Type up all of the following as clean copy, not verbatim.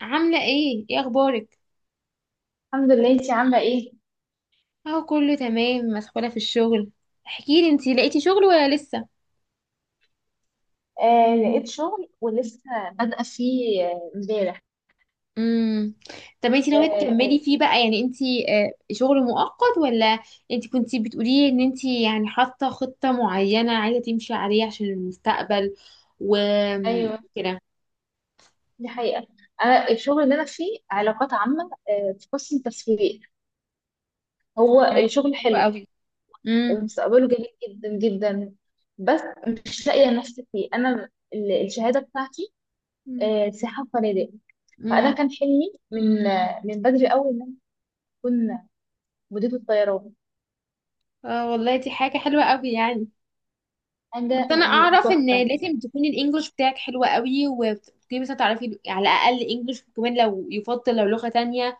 عاملة ايه، ايه اخبارك؟ الحمد لله. انتي عاملة ايه؟ اهو كله تمام، مسحولة في الشغل. احكيلي، انتي لقيتي شغل ولا لسه؟ لقيت شغل ولسه بادئة فيه، امبارح. امم. طب انتي ناوية آه تكملي فيه بقى؟ يعني انتي، شغل مؤقت ولا؟ انتي كنتي بتقولي ان انتي يعني حاطة خطة معينة عايزة تمشي عليها عشان المستقبل ايوه، وكده. دي حقيقة. انا الشغل اللي انا فيه علاقات عامة، في قسم تسويق. هو تمام، الشغل حلوة حلو قوي. امم. ومستقبله جميل جدا جدا، بس مش لاقية نفسي فيه. انا الشهادة بتاعتي سياحة وفنادق. فانا امم. كان حلمي من بدري قوي ان انا اكون مديرة الطيران، اه، والله دي حاجة حلوة قوي يعني. حاجة بس انا يعني اعرف ان تحفة. لازم تكون الانجليش بتاعك حلو قوي، وتكوني مثلا تعرفي على الاقل انجليش، وكمان لو يفضل لو لغة تانية.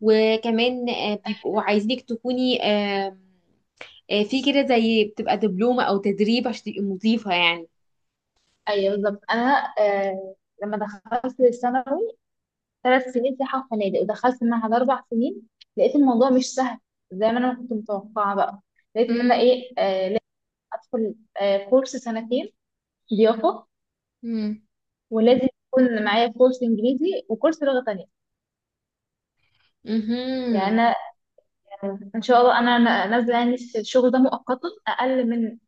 وكمان، بيبقوا عايزينك تكوني، في كده زي بتبقى دبلومة او تدريب عشان تبقي مضيفة يعني. ايوه بالظبط. انا لما دخلت الثانوي 3 سنين سياحة وفنادق، ودخلت المعهد 4 سنين. لقيت الموضوع مش سهل زي ما أنا ما كنت متوقعة بقى. لقيت إن أنا امم. إيه، لازم أدخل كورس سنتين ضيافة، امم. ولازم يكون معايا كورس إنجليزي وكورس لغة تانية. يعني مهم. أنا إن شاء الله أنا نازلة يعني الشغل ده مؤقتا. أقل من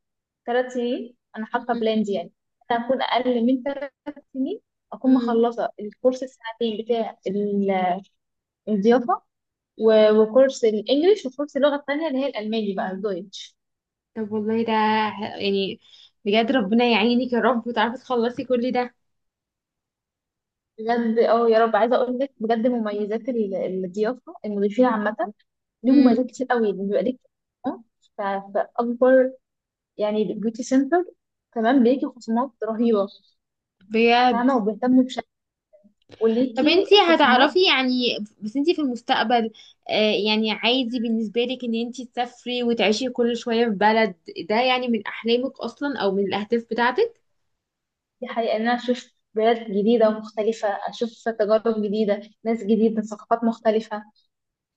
3 سنين أنا حاطة مهم. بلان دي، يعني أنا أكون أقل من ثلاث سنين أكون مهم. مخلصة الكورس السنتين بتاع الضيافة، وكورس الانجليش وكورس اللغه التانيه اللي هي الالماني بقى الدويتش. طب والله ده، يعني بجد ربنا يعينك يا رب وتعرفي تخلصي كل ده. بجد يا رب. عايزه اقول لك بجد مميزات الضيافه، المضيفين عامه ليه مميزات كتير قوي. بيبقى ليك خصومات، فاكبر يعني بيوتي سنتر كمان بيجي خصومات رهيبه، امم. فاهمه، وبيهتموا بشكل طب وليكي انتي خصومات. هتعرفي، يعني بس انتي في المستقبل، يعني عادي بالنسبة لك ان انتي تسافري وتعيشي كل شوية في بلد؟ ده يعني من احلامك اصلا او من الاهداف ايوه بتاعتك؟ دي حقيقة. إن أنا أشوف بلاد جديدة ومختلفة، أشوف تجارب جديدة، ناس جديدة، ثقافات مختلفة.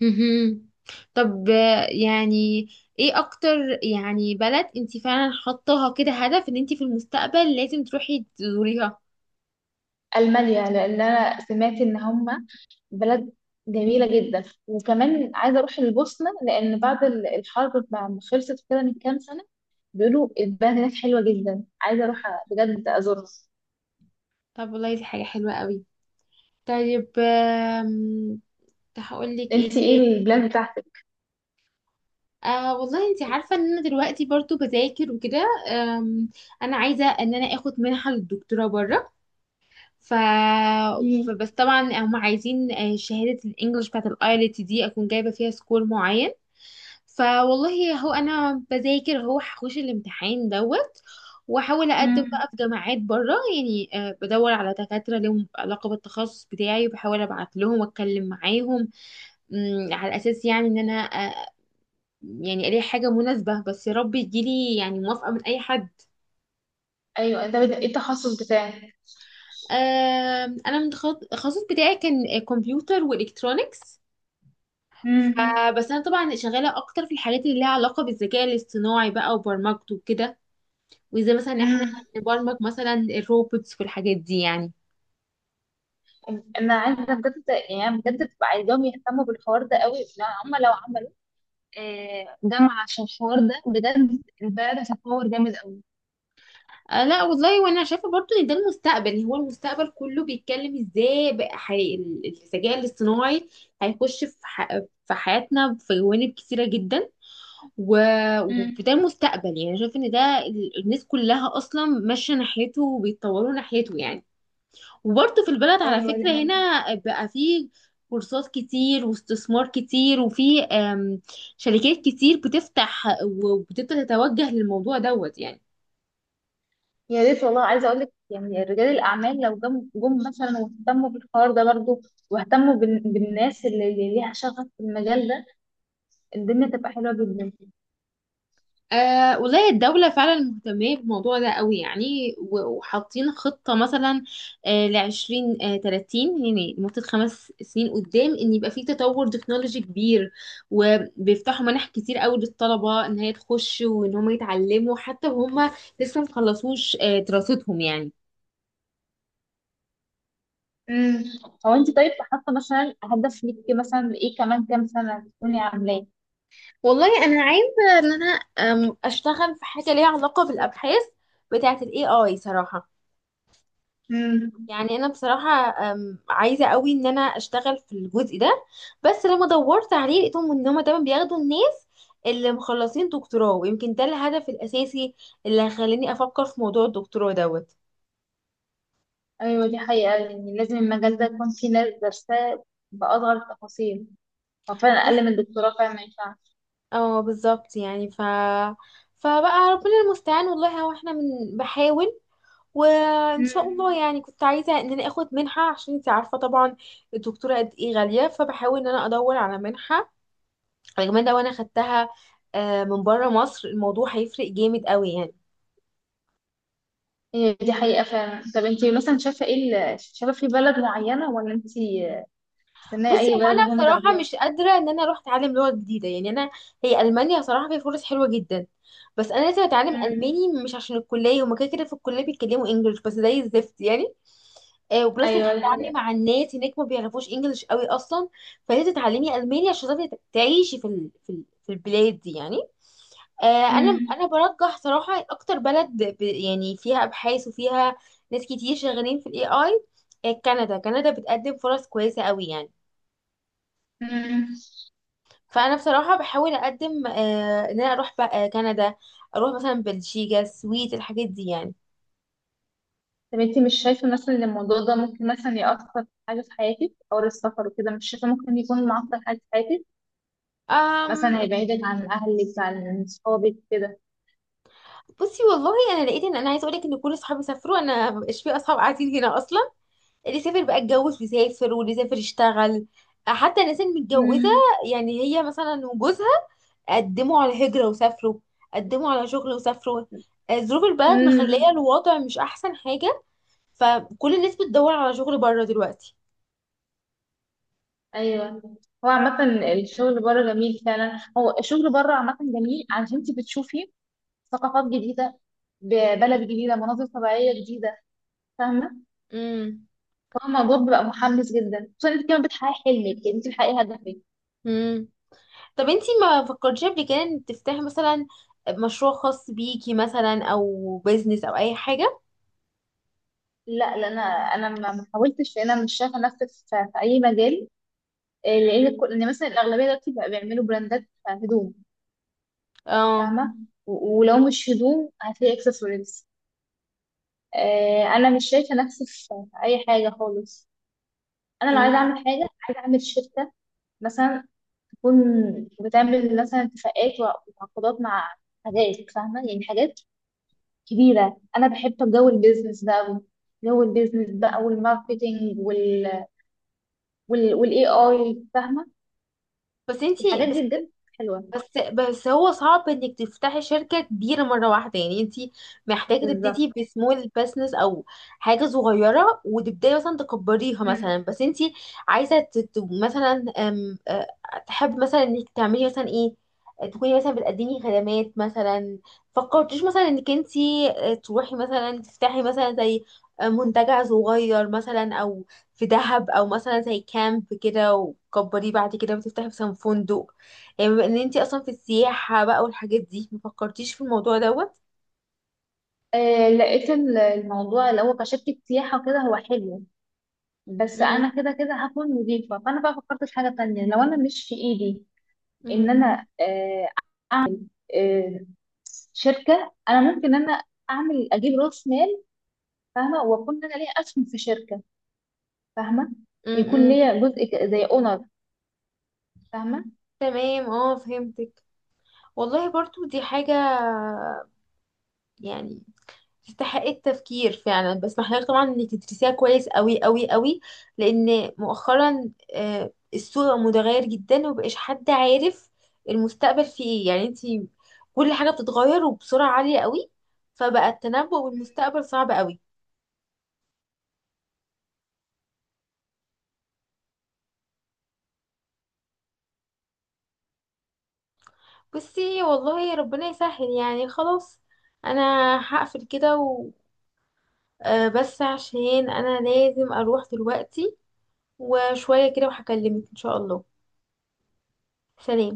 مهم. طب، يعني ايه اكتر يعني بلد انتي فعلا حطاها كده هدف ان انتي في المستقبل لازم تروحي تزوريها؟ ألمانيا، لأن أنا سمعت إن هم بلد جميلة جدا. وكمان عايزة أروح البوسنة، لأن بعد الحرب ما خلصت كده من كام سنة، بيقولوا البلد هناك حلوة جدا. عايزة أروح بجد أزورها. طب والله دي حاجة حلوة قوي. طيب، هقول لك ايه أنت إيه تاني؟ البلاد بتاعتك؟ والله انت عارفة ان انا دلوقتي برضو بذاكر وكده، انا عايزة ان انا اخد منحة للدكتوراه بره. ف... مم. فبس طبعا هم عايزين، شهادة الانجليش بتاعت الايلت دي اكون جايبة فيها سكور معين. فوالله، هو انا بذاكر، هو هخش الامتحان دوت، واحاول اقدم مم. بقى في جامعات بره يعني. بدور على دكاتره لهم علاقه بالتخصص بتاعي وبحاول ابعت لهم واتكلم معاهم، على اساس يعني ان انا، يعني الاقي حاجه مناسبه. بس يا رب يجيلي يعني موافقه من اي حد. أيوة. أنت إيه التخصص بتاعك؟ انا من التخصص بتاعي كان كمبيوتر والكترونكس. مم. فبس انا طبعا شغاله اكتر في الحاجات اللي ليها علاقه بالذكاء الاصطناعي بقى، وبرمجته وكده، وازاي مثلا احنا مم. نبرمج مثلا الروبوتس والحاجات دي يعني. أنا عايزة بجد، يعني بجد ببقى عايزاهم يهتموا بالحوار ده قوي، لأن هم لو عملوا جامعة عشان الحوار ده، بجد البلد هتتطور جامد قوي. آه لا والله، وانا شايفه برضو ان ده المستقبل. هو المستقبل كله بيتكلم ازاي بقى، الذكاء الاصطناعي هيخش في، في حياتنا، في جوانب كتيره جدا، و... مم. وده المستقبل. يعني شايف ان ده، الناس كلها اصلا ماشيه ناحيته وبيتطوروا ناحيته يعني. وبرضه في البلد على أيوة دي فكره حقيقة. هنا بقى فيه كورسات كتير واستثمار كتير، وفي، شركات كتير بتفتح وبتبدا تتوجه للموضوع دوت يعني. يا ريت والله. عايزه اقول لك يعني رجال الاعمال لو جم مثلا واهتموا بالحوار ده برضو، واهتموا بالناس اللي ليها شغف في المجال ده، الدنيا تبقى حلوه جدا. أه والله الدولة فعلا مهتمة بالموضوع ده قوي يعني، وحاطين خطة مثلا، لـ20، 30، يعني لمدة 5 سنين قدام، إن يبقى في تطور تكنولوجي كبير. وبيفتحوا منح كتير قوي للطلبة، إن هي تخش وإن هم يتعلموا حتى وهم لسه مخلصوش، دراستهم يعني. امم. هو انت طيب حاطه مثلا هدف ليكي، مثلا ايه كمان كام سنه تكوني عاملاه؟ والله أنا عايزة إن أنا، أشتغل في حاجة ليها علاقة بالأبحاث بتاعة ال AI صراحة. امم. يعني انا بصراحه، عايزه قوي ان انا اشتغل في الجزء ده. بس لما دورت عليه لقيتهم ان هم دايما بياخدوا الناس اللي مخلصين دكتوراه، ويمكن ده الهدف الاساسي اللي خلاني افكر في موضوع الدكتوراه دوت. ايوه دي حقيقه، يعني لازم المجال ده يكون فيه ناس دارساه باصغر التفاصيل. هو فعلا بس اقل من الدكتوراه فعلا ما ينفعش. اه، بالظبط يعني، فبقى ربنا المستعان. والله هو احنا من بحاول، وان شاء الله امم. يعني. كنت عايزه ان انا اخد منحه، عشان انت عارفه طبعا الدكتوره قد ايه غاليه. فبحاول ان انا ادور على منحه، كمان لو انا خدتها، من بره مصر الموضوع هيفرق جامد قوي يعني. هي دي حقيقه فعلا. طب انت مثلا شايفه ايه، شايفه في بلد معينه، ولا انت استناي بصي، اي هو بلد انا وهم بصراحه تاخديها؟ مش قادره ان انا اروح اتعلم لغه جديده يعني. انا، هي المانيا بصراحه فيها فرص حلوه جدا، بس انا لازم اتعلم امم. الماني، مش عشان الكليه، هما كده كده في الكليه بيتكلموا انجلش بس زي الزفت يعني. وبلس انك ايوه دي هتتعاملي حقيقة. مع الناس هناك ما بيعرفوش انجلش قوي اصلا. فلازم تتعلمي الماني عشان تعرفي تعيشي في في البلاد دي يعني. انا امم. انا برجح صراحه اكتر بلد، يعني فيها ابحاث وفيها ناس كتير شغالين في الاي اي. كندا بتقدم فرص كويسه قوي يعني. امم. فانا بصراحه بحاول اقدم، ان انا اروح بقى كندا، اروح مثلا بلجيكا، السويد، الحاجات دي يعني. طب انتي مش شايفة مثلا ان الموضوع ده ممكن مثلا يأثر في حاجة في حياتك، او السفر وكده؟ مش شايفة ممكن يكون معطل حاجة في حياتك، أم. مثلا هيبعدك عن اهلك عن صحابك كده؟ بصي والله، انا لقيت ان انا عايزه اقول لك ان كل اصحابي سافروا. انا مبقاش في اصحاب قاعدين هنا اصلا. اللي سافر بقى اتجوز بيسافر، واللي سافر يشتغل. حتى الناس المتجوزه، امم. يعني هي مثلا وجوزها قدموا على هجره وسافروا، قدموا على شغل وسافروا. ظروف البلد مخليه امم. الوضع مش احسن حاجه. فكل الناس بتدور على شغل بره دلوقتي. ايوه. هو عامة الشغل بره جميل فعلا. هو الشغل بره عامة جميل، عشان انتي بتشوفي ثقافات جديدة، ببلد جديدة، مناظر طبيعية جديدة، فاهمة. هو الموضوع بيبقى محمس جدا، خصوصا انت كمان بتحققي حلمك، يعني انت بتحققي هدفك. امم. طب انتي ما فكرتيش قبل كده ان تفتحي مثلا مشروع خاص بيكي، مثلا، او بيزنس، او اي حاجة؟ لا لا، انا ما حاولتش. انا مش شايفه نفسي في اي مجال. لان ان مثلا الاغلبيه دلوقتي بقى بيعملوا براندات هدوم، اه. فاهمه. ولو مش هدوم هتلاقي اكسسوارز. انا مش شايفه نفسي في اي حاجه خالص. انا لو عايزه مم. اعمل حاجه، عايزه اعمل شركه مثلا، تكون بتعمل مثلا اتفاقات وعقودات مع حاجات، فاهمه، يعني حاجات كبيرة. أنا بحب جو البيزنس ده أوي. جو البيزنس بقى والماركتينج وال والاي اي، فاهمة، بس انتي الحاجات بس دي بجد حلوة. بس بس هو صعب انك تفتحي شركة كبيرة مرة واحدة. يعني انتي محتاجة بالظبط. تبتدي بسمول بزنس، او حاجة صغيرة، وتبداي مثلا تكبريها مثلا. مم. بس انتي عايزة، مثلا، أم... أه، تحب مثلا انك تعملي مثلا ايه، تكوني مثلا بتقدمي خدمات مثلا؟ فكرتيش مثلا انك انتي، تروحي مثلا تفتحي مثلا زي، منتجع صغير مثلا، او في دهب، او مثلا زي كامب كده، وتكبريه بعد كده وتفتحي مثلا فندق، يعني بما ان انتي اصلا في السياحة بقى والحاجات دي؟ ما فكرتيش في الموضوع دوت؟ لقيت الموضوع اللي هو كشركة سياحة كده هو حلو، بس امم. أنا كده كده هكون مضيفة. فأنا بقى فكرت في حاجة تانية، لو أنا مش في إيدي إن امم. أنا آه شركة. أنا ممكن إن أنا أعمل أجيب رأس مال، فاهمة، وأكون أنا ليا أسهم في شركة، فاهمة، يكون امم. ليا جزء زي أونر، فاهمة. تمام، اه فهمتك. والله برضو دي حاجة يعني تستحق التفكير فعلا، بس محتاجة طبعا انك تدرسيها كويس قوي قوي قوي. لان مؤخرا، السوق متغير جدا، ومبقاش حد عارف المستقبل فيه ايه يعني. انتي، كل حاجة بتتغير وبسرعة عالية قوي. فبقى التنبؤ بالمستقبل صعب قوي. بصي والله ربنا يسهل يعني. خلاص، انا هقفل كده، بس عشان انا لازم اروح دلوقتي، وشوية كده وهكلمك ان شاء الله. سلام.